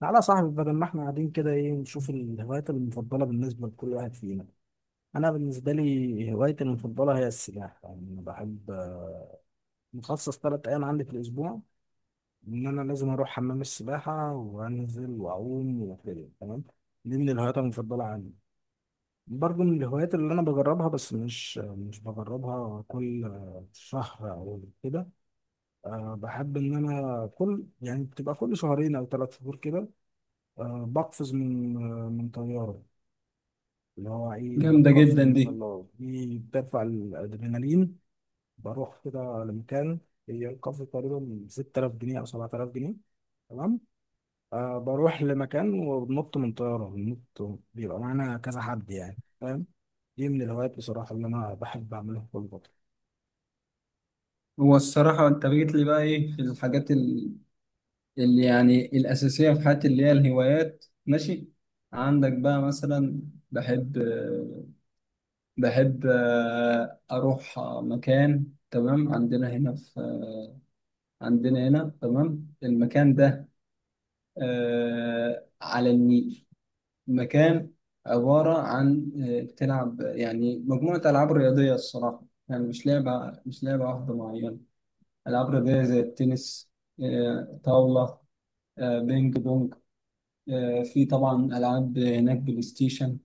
تعالى يا صاحبي، بدل ما احنا قاعدين كده، ايه نشوف الهوايات المفضلة بالنسبة لكل واحد فينا. انا بالنسبة لي هوايتي المفضلة هي السباحة، يعني انا بحب مخصص 3 ايام عندي في الاسبوع ان انا لازم اروح حمام السباحة وانزل واعوم وكده. تمام، دي من الهوايات المفضلة عندي. برضه من الهوايات اللي انا بجربها، بس مش بجربها كل شهر او كده. بحب ان انا كل، يعني بتبقى كل شهرين او 3 شهور كده. بقفز من طيارة، اللي هو ايه جامدة القفز جدا دي. بالمظلات، دي بترفع الادرينالين. بروح كده لمكان، هي القفز تقريبا 6000 جنيه او 7000 جنيه. تمام، بروح لمكان وبنط من طياره، بننط بيبقى معانا كذا حد، يعني فاهم. دي من الهوايات بصراحه اللي انا بحب اعملها كل فتره. هو الصراحة أنت جيت لي بقى إيه في الحاجات اللي يعني الأساسية في حياتي اللي هي الهوايات. ماشي، عندك بقى مثلا؟ بحب بحب أروح مكان تمام عندنا هنا تمام المكان ده، على النيل. مكان عبارة عن تلعب يعني مجموعة ألعاب رياضية الصراحة. يعني مش لعبة واحدة معينة. العاب رياضيه زي التنس، طاوله، بينج بونج، في طبعا العاب هناك بلاي ستيشن.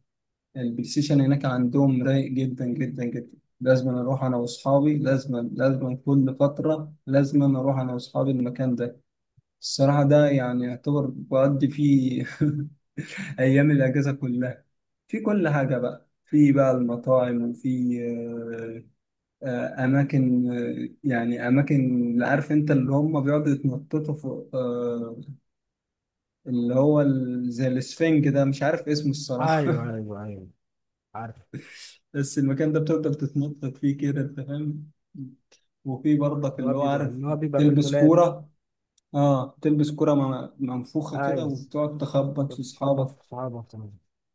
البلاي ستيشن هناك عندهم رايق جدا جدا جدا. لازم لازم كل فتره لازم أنا اروح انا واصحابي المكان ده. الصراحه ده يعني يعتبر بقضي فيه ايام الاجازه كلها. في كل حاجه بقى، في بقى المطاعم، وفي اماكن آه، يعني اماكن اللي عارف انت اللي هم بيقعدوا يتنططوا فوق، اللي هو زي الاسفنج ده مش عارف اسمه الصراحه. ايوه، ايوه، ايوه، عارف. بس المكان ده بتفضل تتنطط فيه كده انت فاهم. وفي برضك اللي هو اللي هو بيبقى عارف، اللي هو بيبقى في تلبس المولات. كوره. منفوخه كده عايز وتقعد تخبط في تخبط اصحابك. في صحابك.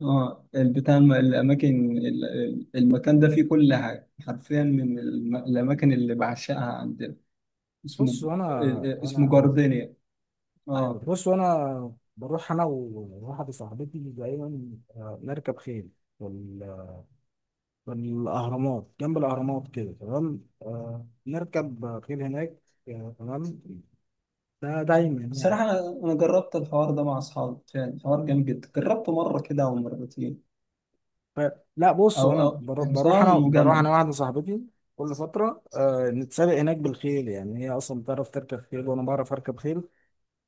اه البتاع، المكان ده فيه كل حاجه حرفيا من الاماكن اللي بعشقها عندنا. اسمه بص، انا آه، آه، اسمه انا جاردينيا. ايوه، اه. بص انا بروح انا وواحده صاحبتي دايما. نركب خيل. وال- والاهرامات جنب الاهرامات كده. تمام، نركب خيل هناك. تمام، ده دايما بصراحة يعني. أنا جربت الحوار ده مع أصحابي فعلا، حوار جامد جدا، جربته مرة كده أو مرتين ف... لا، بص أو انا أو بروح حصان انا بروح وجمل. انا واحده صاحبتي كل فتره. نتسابق هناك بالخيل، يعني هي اصلا بتعرف تركب خيل وانا بعرف اركب خيل.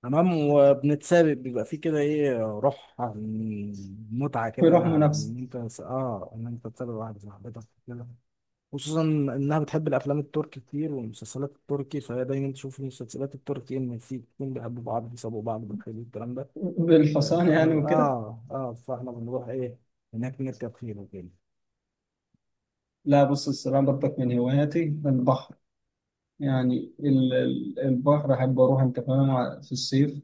تمام، وبنتسابق، بيبقى فيه كده ايه، روح متعة كده، ويروحوا منافسة ان انت ان انت تسابق واحدة صاحبتك كده. خصوصا انها بتحب الافلام التركي كتير والمسلسلات التركي، فهي دايما تشوف المسلسلات التركي ان في اتنين بيحبوا بعض بيسابقوا بعض بالخيل والكلام ده. ف- بالحصان فاحنا يعني ب- وكده. اه اه فاحنا بنروح ايه هناك نركب خيل وكده. لا بص الصراحة برضك من هواياتي البحر. يعني البحر أحب أروح أنت فاهم، في الصيف.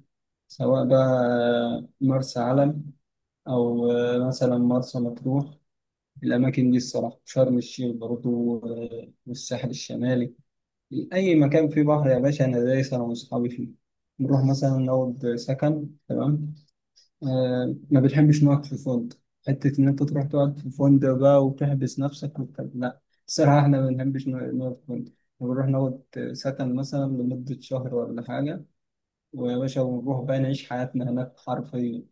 سواء بقى مرسى علم، أو مثلا مرسى مطروح. الأماكن دي الصراحة، شرم الشيخ برضه، والساحل الشمالي. أي مكان فيه بحر يا باشا أنا دايس أنا وأصحابي فيه. بنروح مثلا نقعد سكن، تمام. ما بنحبش نقعد في فندق. حتة إن أنت تروح تقعد في فندق بقى وتحبس نفسك وبتاع، لا. الصراحة إحنا ما بنحبش نقعد في فندق. بنروح نقعد سكن مثلا لمدة شهر ولا حاجة. ويا باشا ونروح بقى نعيش حياتنا هناك حرفيا.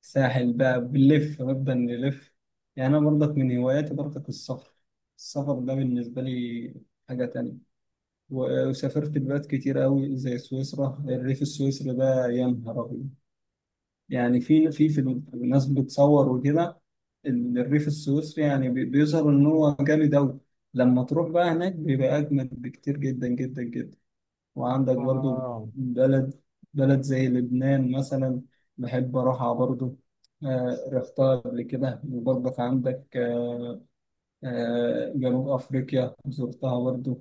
ساحل بقى بنلف، نبدأ نلف. يعني أنا برضك من هواياتي برضك السفر. السفر ده بالنسبة لي حاجة تانية. وسافرت بلاد كتير قوي، زي سويسرا. الريف السويسري ده يا نهار أبيض. يعني في الناس بتصور وكده. الريف السويسري يعني بيظهر إن هو جامد أوي. لما تروح بقى هناك بيبقى أجمد بكتير، جدا جدا جدا. وعندك برضو اه، بلد زي لبنان مثلا. بحب أروحها برضو، رحتها قبل كده. وبرضك عندك جنوب أفريقيا زرتها برضو.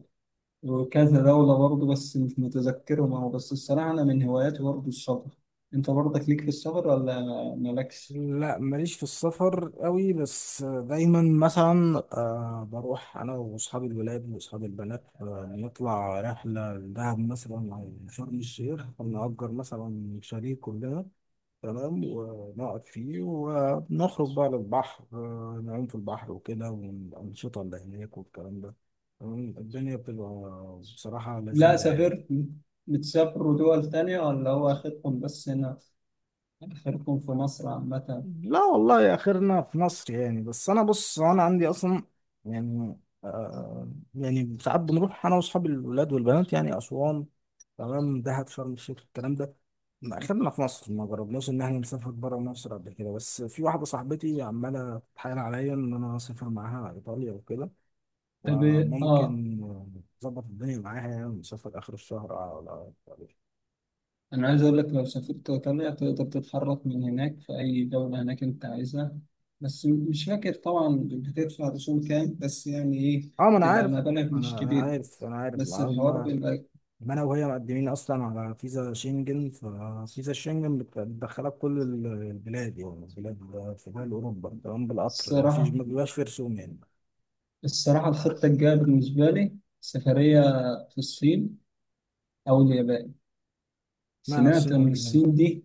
وكذا دولة برضه بس مش متذكرهم أهو. بس الصراحة أنا من هواياتي برضه السفر. أنت برضك ليك في السفر ولا مالكش؟ لا ماليش في السفر قوي، بس دايما مثلا بروح انا واصحاب الولاد واصحاب البنات، نطلع رحله لدهب مثلا او شرم الشيخ، نأجر مثلا شاليه كلنا. تمام، ونقعد فيه ونخرج بقى للبحر، نعوم في البحر وكده والانشطه اللي هناك والكلام ده. تمام، الدنيا بتبقى بصراحه لا، لذيذه يعني. سافرت؟ بتسافروا دول تانية ولا هو آخركم بس هنا، آخركم في مصر عامة؟ لا والله، يا اخرنا في مصر يعني، بس انا بص انا عندي اصلا يعني. آه يعني ساعات بنروح انا واصحابي الولاد والبنات يعني اسوان، تمام، دهب، شرم الشيخ، الكلام ده. ما اخرنا في مصر، ما جربناش ان احنا نسافر بره مصر قبل كده، بس في واحده صاحبتي عماله تتحايل عليا ان انا اسافر معاها ايطاليا وكده، طب إيه؟ آه. وممكن اظبط الدنيا معاها يعني ونسافر اخر الشهر على أنا عايز أقول لك، لو سافرت إيطاليا تقدر تتحرك من هناك في أي دولة هناك أنت عايزها. بس مش فاكر طبعا بتدفع رسوم كام، بس يعني إيه، اه، ما انا تبقى عارف، مبالغ مش انا انا كبيرة. عارف انا عارف بس الحوار بيبقى ما انا وهي مقدمين اصلا على فيزا شنجن، ففيزا الشنجن بتدخلك كل البلاد، يعني البلاد في دول اوروبا. تمام، بالقطر ما فيش، الصراحة ما بيبقاش في رسوم يعني. الصراحة الخطة الجاية بالنسبة لي سفرية، في الصين أو اليابان. معنى سمعت الصين إن واليابان. الصين دي،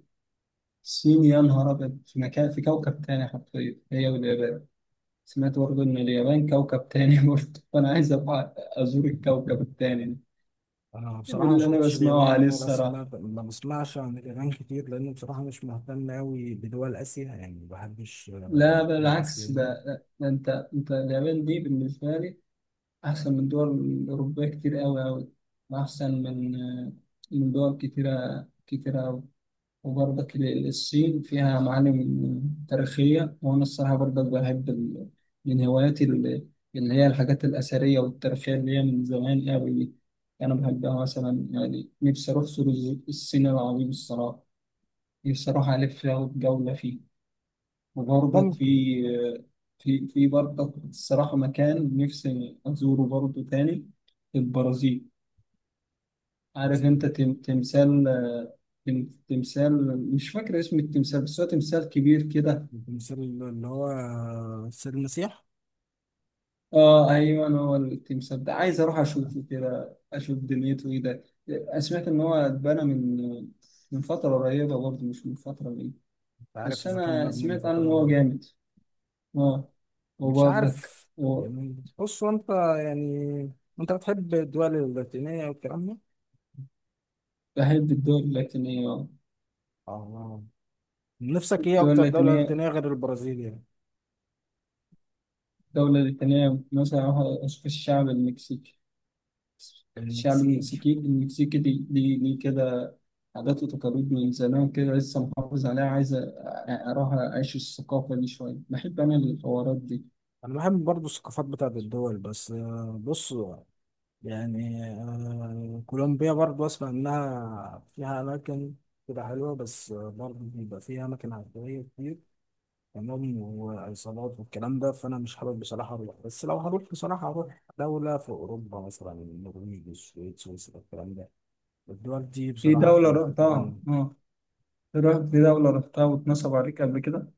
الصين يا نهار أبيض، في مكان في كوكب تاني حرفيا، هي واليابان. سمعت برضه إن اليابان كوكب تاني برضه، فأنا عايز أبقى أزور الكوكب التاني. انا ده من بصراحه ما اللي أنا شفتش بسمعه اليابان عليه ولا الصراحة. سمعت، ما بسمعش عن اليابان كتير، لان بصراحه مش مهتم قوي بدول اسيا يعني، ما بحبش لا دول اسيا بالعكس، يعني. ده أنت اليابان دي بالنسبة لي أحسن من دول الأوروبية كتير أوي أوي. وأحسن من دول كتيرة كتيرة أوي. وبرضك الصين فيها معالم تاريخية. وأنا الصراحة برضك بحب من هواياتي اللي هي الحاجات الأثرية والتاريخية اللي هي من زمان أوي دي. أنا بحبها. مثلا يعني نفسي أروح سور الصين العظيم الصراحة. نفسي أروح ألف فيها وجولة فيه. وبرضك في ممكن. في في برضك الصراحة مكان نفسي أزوره برضه تاني، البرازيل. عارف انت دي- تمثال، تمثال مش فاكر اسم التمثال، بس هو تمثال كبير كده. مثل اللي هو سيد المسيح. اه ايوه، هو التمثال ده عايز اروح اشوفه كده، اشوف دنيته ايه ده. سمعت ان هو اتبنى من فترة قريبة برضه، مش من فترة بعيدة. عارف بس اذا كان انا مبني من سمعت عنه ان هو فتره، جامد. اه. مش وبرضك عارف. يعني بص، هو انت يعني انت بتحب الدول اللاتينية والكلام ده؟ بحب الدول اللاتينية، آه. اه. نفسك ايه الدول اكتر دولة اللاتينية لاتينية غير البرازيل يعني؟ الدولة اللاتينية مثلا أروح أشوف الشعب المكسيكي الشعب المكسيك. المكسيكي المكسيكي ليه كده، عادات وتقاليد من زمان كده لسه محافظ عليها. عايز أروح أعيش الثقافة دي شوية. بحب أنا الحوارات دي. انا بحب برضو الثقافات بتاعت الدول، بس بص يعني. كولومبيا برضو اسمع انها فيها اماكن كده حلوة، بس برضو بيبقى فيها اماكن عشوائية كتير. تمام، وعصابات والكلام ده، فانا مش حابب بصراحه اروح، بس لو هروح بصراحه هروح دوله في اوروبا مثلا النرويج، السويد، سويسرا، الكلام ده. الدول دي في بصراحه دولة بتبقى في حته رحتها تانية. آه رحت في دولة رحتها واتنصب عليك قبل كده.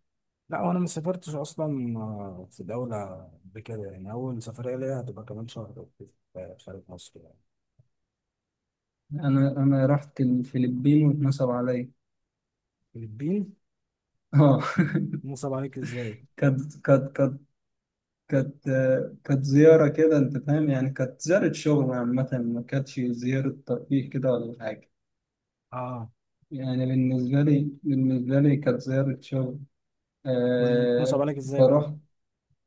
لا، وانا ما سافرتش اصلا في دوله قبل كده يعني. اول سفريه ليا هتبقى كمان شهر أو كده في خارج مصر يعني. أنا رحت الفلبين واتنصب عليا، الفلبين. آه نصب عليك ازاي؟ كانت كانت كانت كانت كانت زيارة كده أنت فاهم، يعني كانت زيارة شغل عامة، ما كانتش زيارة ترفيه كده ولا حاجة. اه. يعني بالنسبة لي كانت زيارة شغل. نصب آه عليك ازاي بقى؟ فروحت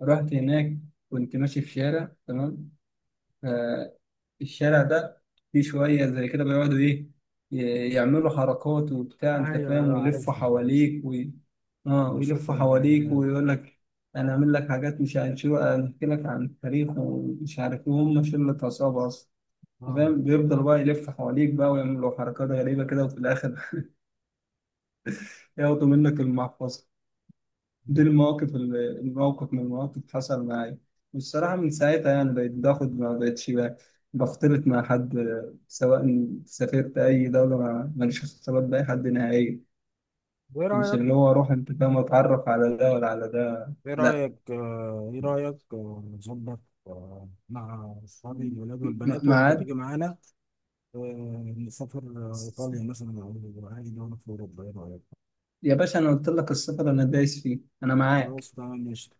رحت هناك. كنت ماشي في شارع، تمام. آه الشارع ده فيه شوية زي كده بيقعدوا إيه، يعملوا حركات وبتاع أنت ايوه، فاهم، ايوه، ويلفوا عارفهم، عارفهم. حواليك ويلفوا بشوفهم في حواليك الفيديوهات. ويقول لك أنا أعمل لك حاجات، مش هنشوف، أحكي لك عن التاريخ ومش عارف إيه، وهم شلة عصابة أصلا. أنت اه. فاهم، بيفضل بقى يلف حواليك بقى ويعملوا حركات غريبة كده، وفي الآخر ياخدوا منك المحفظة. دي المواقف، الموقف من المواقف حصل معايا. والصراحة من ساعتها يعني بقيت باخد، ما بقتش بختلط مع حد، سواء سافرت أي دولة ماليش اختلاط بأي حد نهائي. وايه مش رايك، اللي هو أروح أنت فاهم أتعرف على ده ولا على ده، ايه لا. رأيك آه، ايه رأيك آه، نظبط مع اصحابي الولاد والبنات وانت تيجي معاد. معانا، نسافر ايطاليا مثلا او اي دولة في اوروبا، ايه رأيك؟ يا باشا أنا قلت لك السفر أنا دايس فيه، أنا معاك. خلاص، تمام، ماشي.